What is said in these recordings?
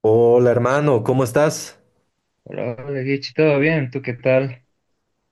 Hola hermano, ¿cómo estás? Hola, hola, Guichi, ¿todo bien? ¿Tú qué tal?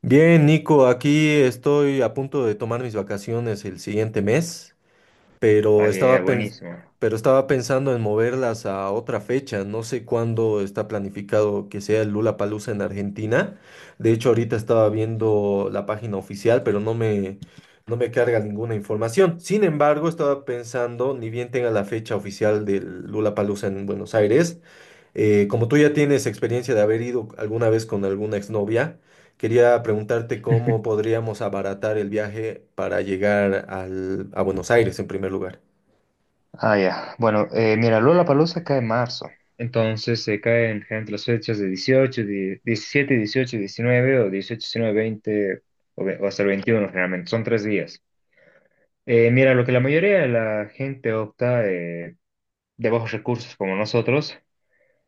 Bien, Nico, aquí estoy a punto de tomar mis vacaciones el siguiente mes, pero Ah, ya, ya, estaba pens- buenísimo. pero estaba pensando en moverlas a otra fecha. No sé cuándo está planificado que sea el Palusa en Argentina. De hecho, ahorita estaba viendo la página oficial, pero no me carga ninguna información. Sin embargo, estaba pensando, ni bien tenga la fecha oficial del Palusa en Buenos Aires. Como tú ya tienes experiencia de haber ido alguna vez con alguna exnovia, quería preguntarte cómo podríamos abaratar el viaje para llegar a Buenos Aires en primer lugar. Ah, ya. Bueno, mira, Lollapalooza cae en marzo. Entonces se caen entre las fechas de 18, 17, 18, 19 o 18, 19, 20 o, o hasta el 21 generalmente. Son tres días. Mira, lo que la mayoría de la gente opta de bajos recursos como nosotros,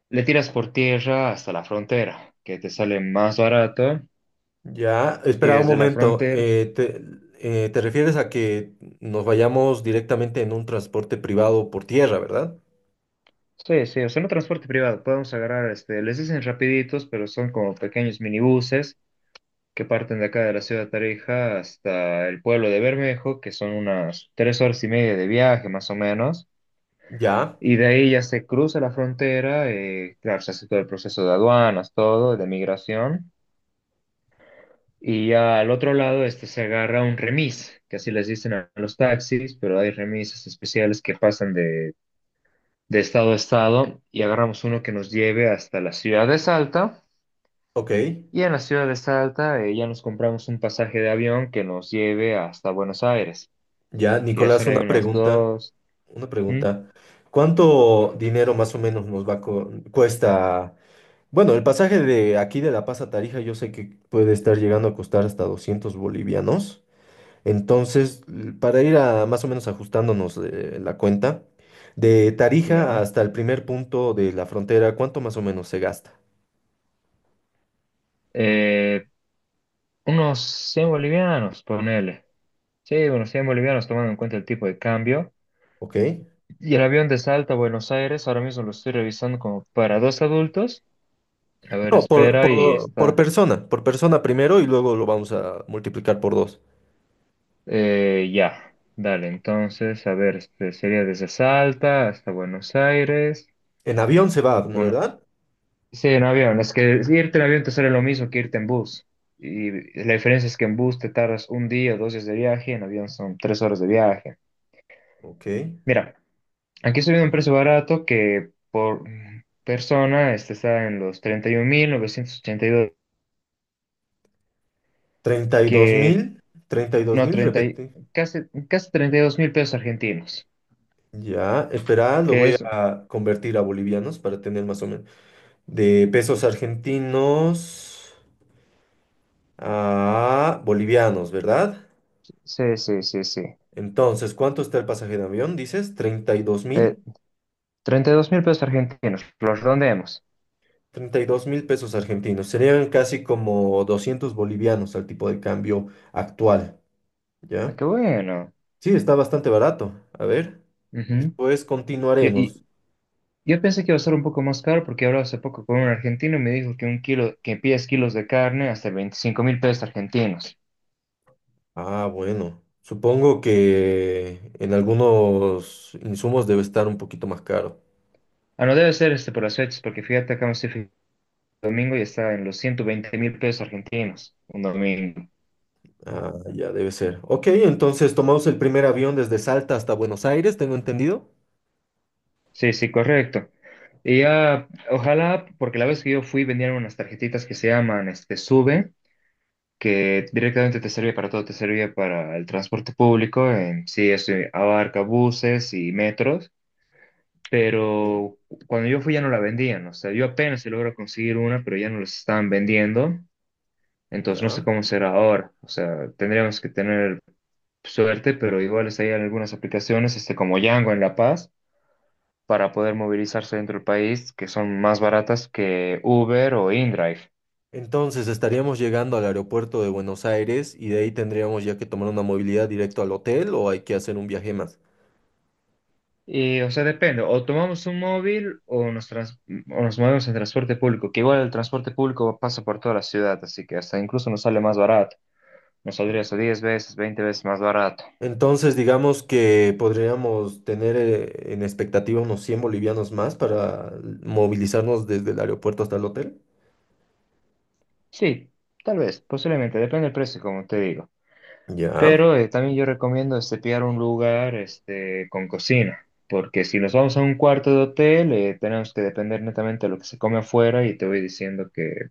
le tiras por tierra hasta la frontera, que te sale más barato Ya, y espera un desde la momento. frontera. ¿Te refieres a que nos vayamos directamente en un transporte privado por tierra, verdad? Sí, sí, o sea, no transporte privado, podemos agarrar, este, les dicen rapiditos, pero son como pequeños minibuses que parten de acá de la ciudad de Tarija hasta el pueblo de Bermejo, que son unas 3 horas y media de viaje más o menos, Ya, y de ahí ya se cruza la frontera, claro, se hace todo el proceso de aduanas, todo, de migración, y ya al otro lado este, se agarra un remis, que así les dicen a los taxis, pero hay remises especiales que pasan de estado a estado y agarramos uno que nos lleve hasta la ciudad de Salta. ok. Y en la ciudad de Salta ya nos compramos un pasaje de avión que nos lleve hasta Buenos Aires, Ya, que ya Nicolás, son ahí unas dos, una ¿m? pregunta. ¿Cuánto dinero más o menos nos cuesta? Bueno, el pasaje de aquí de La Paz a Tarija yo sé que puede estar llegando a costar hasta 200 bolivianos. Entonces, para ir a más o menos ajustándonos la cuenta, de Tarija Ya, hasta el primer punto de la frontera, ¿cuánto más o menos se gasta? eh, unos 100 bolivianos, ponele. Sí, unos 100 bolivianos tomando en cuenta el tipo de cambio. ¿Ok? Y el avión de Salta a Buenos Aires, ahora mismo lo estoy revisando como para dos adultos. A ver, No, espera, y está. Por persona primero y luego lo vamos a multiplicar por dos. Ya, dale, entonces, a ver, este, sería desde Salta hasta Buenos Aires, En avión se va, ¿no uno. verdad? Sí, en avión, es que irte en avión te sale lo mismo que irte en bus. Y la diferencia es que en bus te tardas un día o dos días de viaje, en avión son 3 horas de viaje. Ok. Mira, aquí estoy viendo un precio barato que por persona este está en los treinta y mil novecientos ochenta y dos 32 que mil, 32 no, mil, repete. casi, casi 32.000 pesos argentinos, Ya, espera, lo que voy es, a convertir a bolivianos para tener más o menos. De pesos argentinos a bolivianos, ¿verdad? sí, sí, sí, sí. Entonces, ¿cuánto está el pasaje de avión? Dices, 32 mil. eh, 32.000 pesos argentinos, los redondeamos. Treinta y dos mil pesos argentinos. Serían casi como 200 bolivianos al tipo de cambio actual, Ah, ¿ya? qué bueno. Sí, está bastante barato. A ver, Ujú. después Yo- Y, continuaremos. yo pensé que iba a ser un poco más caro porque hablaba hace poco con un argentino y me dijo que un kilo, que pides kilos de carne hasta 25.000 pesos argentinos. Ah, bueno. Supongo que en algunos insumos debe estar un poquito más caro. Ah, no debe ser este por las fechas, porque fíjate acá un domingo y está en los 120.000 pesos argentinos, un domingo. Ah, ya debe ser. Ok, entonces tomamos el primer avión desde Salta hasta Buenos Aires, tengo entendido. Sí, sí, correcto. Y ya, ojalá, porque la vez que yo fui vendían unas tarjetitas que se llaman este, Sube, que directamente te sirve para todo, te sirve para el transporte público, en sí, eso abarca buses y metros, Sí, pero cuando yo fui ya no la vendían, o sea, yo apenas se logro conseguir una, pero ya no las estaban vendiendo, entonces no sé ya. cómo será ahora, o sea, tendríamos que tener suerte, pero igual hay algunas aplicaciones, este, como Yango en La Paz, para poder movilizarse dentro del país, que son más baratas que Uber o InDrive. Entonces estaríamos llegando al aeropuerto de Buenos Aires y de ahí tendríamos ya que tomar una movilidad directo al hotel o hay que hacer un viaje más. Y, o sea, depende, o tomamos un móvil o nos movemos en transporte público, que igual el transporte público pasa por toda la ciudad, así que hasta incluso nos sale más barato, nos saldría eso 10 veces, 20 veces más barato. Entonces digamos que podríamos tener en expectativa unos 100 bolivianos más para movilizarnos desde el aeropuerto hasta el hotel. Sí, tal vez, posiblemente, depende del precio, como te digo. Ya, Pero también yo recomiendo este, pillar un lugar este, con cocina, porque si nos vamos a un cuarto de hotel, tenemos que depender netamente de lo que se come afuera y te voy diciendo que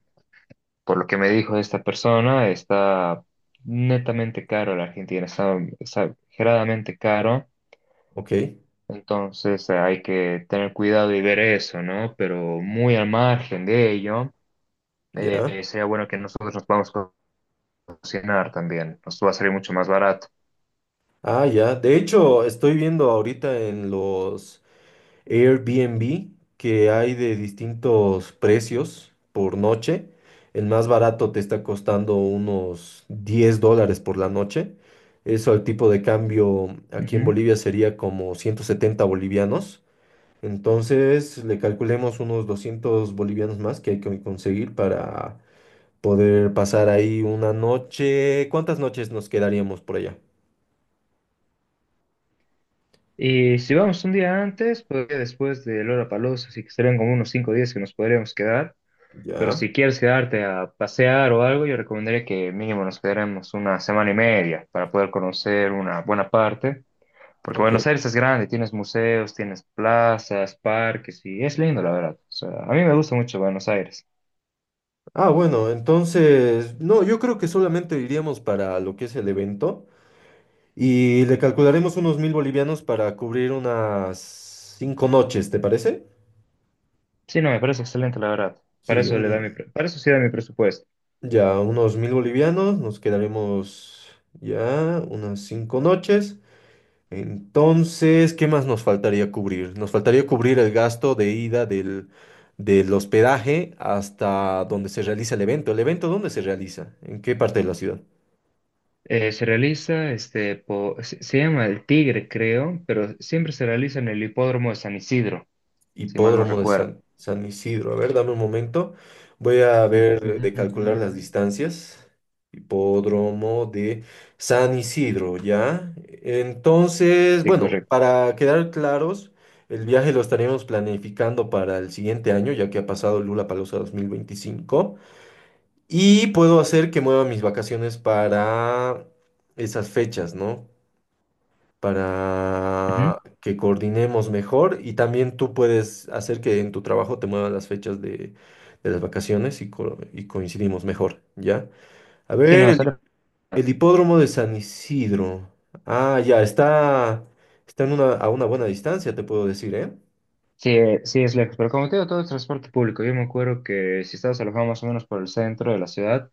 por lo que me dijo esta persona, está netamente caro la Argentina, está exageradamente caro. ok, Entonces hay que tener cuidado y ver eso, ¿no? Pero muy al margen de ello, ya. Sería bueno que nosotros nos vamos a cocinar también. Nos va a salir mucho más barato. Ah, ya. De hecho, estoy viendo ahorita en los Airbnb, que hay de distintos precios por noche. El más barato te está costando unos 10 dólares por la noche. Eso al tipo de cambio aquí en Ujú. Bolivia sería como 170 bolivianos. Entonces le calculemos unos 200 bolivianos más que hay que conseguir para poder pasar ahí una noche. ¿Cuántas noches nos quedaríamos por allá? Y si vamos un día antes, pues después de Lollapalooza, así que serían como unos 5 días que nos podríamos quedar. Pero Ya, si quieres quedarte a pasear o algo, yo recomendaría que mínimo nos quedaremos una semana y media para poder conocer una buena parte. Porque ok. Buenos Aires es grande, tienes museos, tienes plazas, parques y es lindo, la verdad. O sea, a mí me gusta mucho Buenos Aires. Ah, bueno, entonces, no, yo creo que solamente iríamos para lo que es el evento y le calcularemos unos mil bolivianos para cubrir unas cinco noches, ¿te parece? Sí, no, me parece excelente, la verdad. Para Sí, eso le da mi, un- pre- para eso sí da mi presupuesto. ya unos mil bolivianos, nos quedaremos ya unas cinco noches. Entonces, ¿qué más nos faltaría cubrir? Nos faltaría cubrir el gasto de ida del hospedaje hasta donde se realiza el evento. ¿El evento dónde se realiza? ¿En qué parte de la ciudad? Se realiza, este, se llama El Tigre, creo, pero siempre se realiza en el hipódromo de San Isidro, si mal no Hipódromo de recuerdo. San Isidro. A ver, dame un momento. Voy a Ujú, ver ujú, de calcular las ujú. distancias. Hipódromo de San Isidro, ¿ya? Entonces, Sí, bueno, correcto. para quedar claros, el viaje lo estaremos planificando para el siguiente año, ya que ha pasado Lula Lollapalooza 2025. Y puedo hacer que mueva mis vacaciones para esas fechas, ¿no? Ujú. Para que coordinemos mejor y también tú puedes hacer que en tu trabajo te muevan las fechas de las vacaciones y, co- y coincidimos mejor, ¿ya? A Sí, ver, no, el, el hipódromo de San Isidro. Ah, ya, está, está en a una buena distancia, te puedo decir, ¿eh? sí, sí, es lejos, pero como te digo, todo es transporte público. Yo me acuerdo que si estabas alojado más o menos por el centro de la ciudad,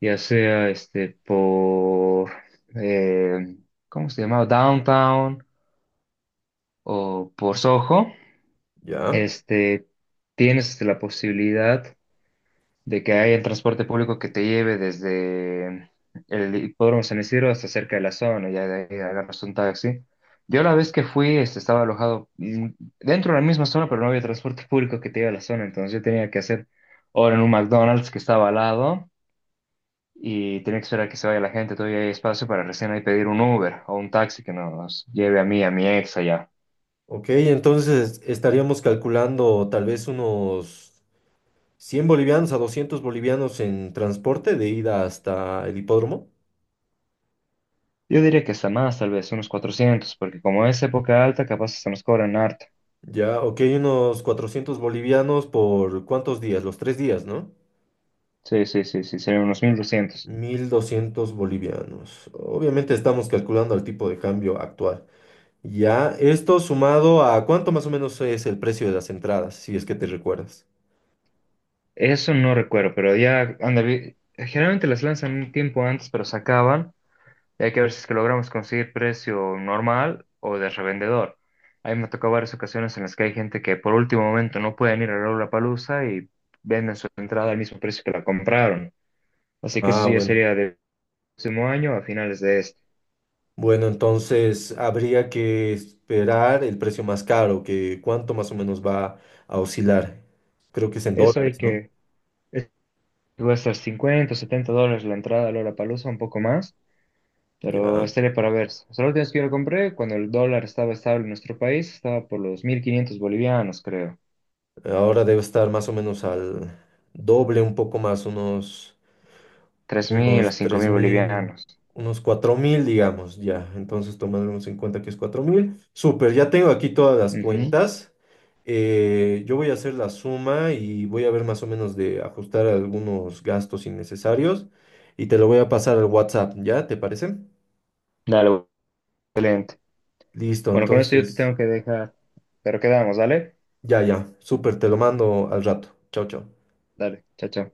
ya sea este por, eh, ¿cómo se llamaba? Downtown o por Soho, Ya. este, tienes este, la posibilidad de que haya el transporte público que te lleve desde el hipódromo San Isidro hasta cerca de la zona, ya de ahí agarras un taxi. Yo la vez que fui, este, estaba alojado dentro de la misma zona, pero no había transporte público que te lleve a la zona, entonces yo tenía que hacer hora en un McDonald's que estaba al lado y tenía que esperar que se vaya la gente, todavía hay espacio para recién ahí pedir un Uber o un taxi que nos lleve a mí, a mi ex allá. Ok, entonces estaríamos calculando tal vez unos 100 bolivianos a 200 bolivianos en transporte de ida hasta el hipódromo. Yo diría que hasta más, tal vez unos 400, porque como es época alta, capaz se nos cobran harto. Ya, ok, unos 400 bolivianos por cuántos días, los tres días, ¿no? Sí, sí, sí, sí, serían unos 1200. 1200 bolivianos. Obviamente estamos calculando el tipo de cambio actual. Ya, esto sumado a cuánto más o menos es el precio de las entradas, si es que te recuerdas. Eso no recuerdo, pero ya, ándale, generalmente las lanzan un tiempo antes, pero se acaban, y hay que ver si es que logramos conseguir precio normal o de revendedor. Ahí me ha tocado varias ocasiones en las que hay gente que por último momento no pueden ir a palusa y venden su entrada al mismo precio que la compraron. Así que Ah, eso ya bueno. sería del próximo año a finales de este. Bueno, entonces habría que esperar el precio más caro, que cuánto más o menos va a oscilar. Creo que es en Eso hay dólares, ¿no? que, es- va a estar 50 o $70 la entrada a palusa un poco más. Pero Ya. estaría para ver. O sea, la última vez que yo lo compré, cuando el dólar estaba estable en nuestro país, estaba por los 1.500 bolivianos, creo. Ahora debe estar más o menos al doble, un poco más, unos tres mil a unos cinco tres mil mil bolivianos. unos 4.000 digamos, ya. Entonces, tomándonos en cuenta que es cuatro mil. Súper, ya tengo aquí todas las Ujú. cuentas. Yo voy a hacer la suma y voy a ver más o menos de ajustar algunos gastos innecesarios y te lo voy a pasar al WhatsApp, ¿ya? ¿Te parece? Dale, excelente. Listo, Bueno, con esto yo te entonces, tengo que dejar. Pero quedamos, ¿dale? ya, ya. Súper, te lo mando al rato. Chao, chao. Dale, chao, chao.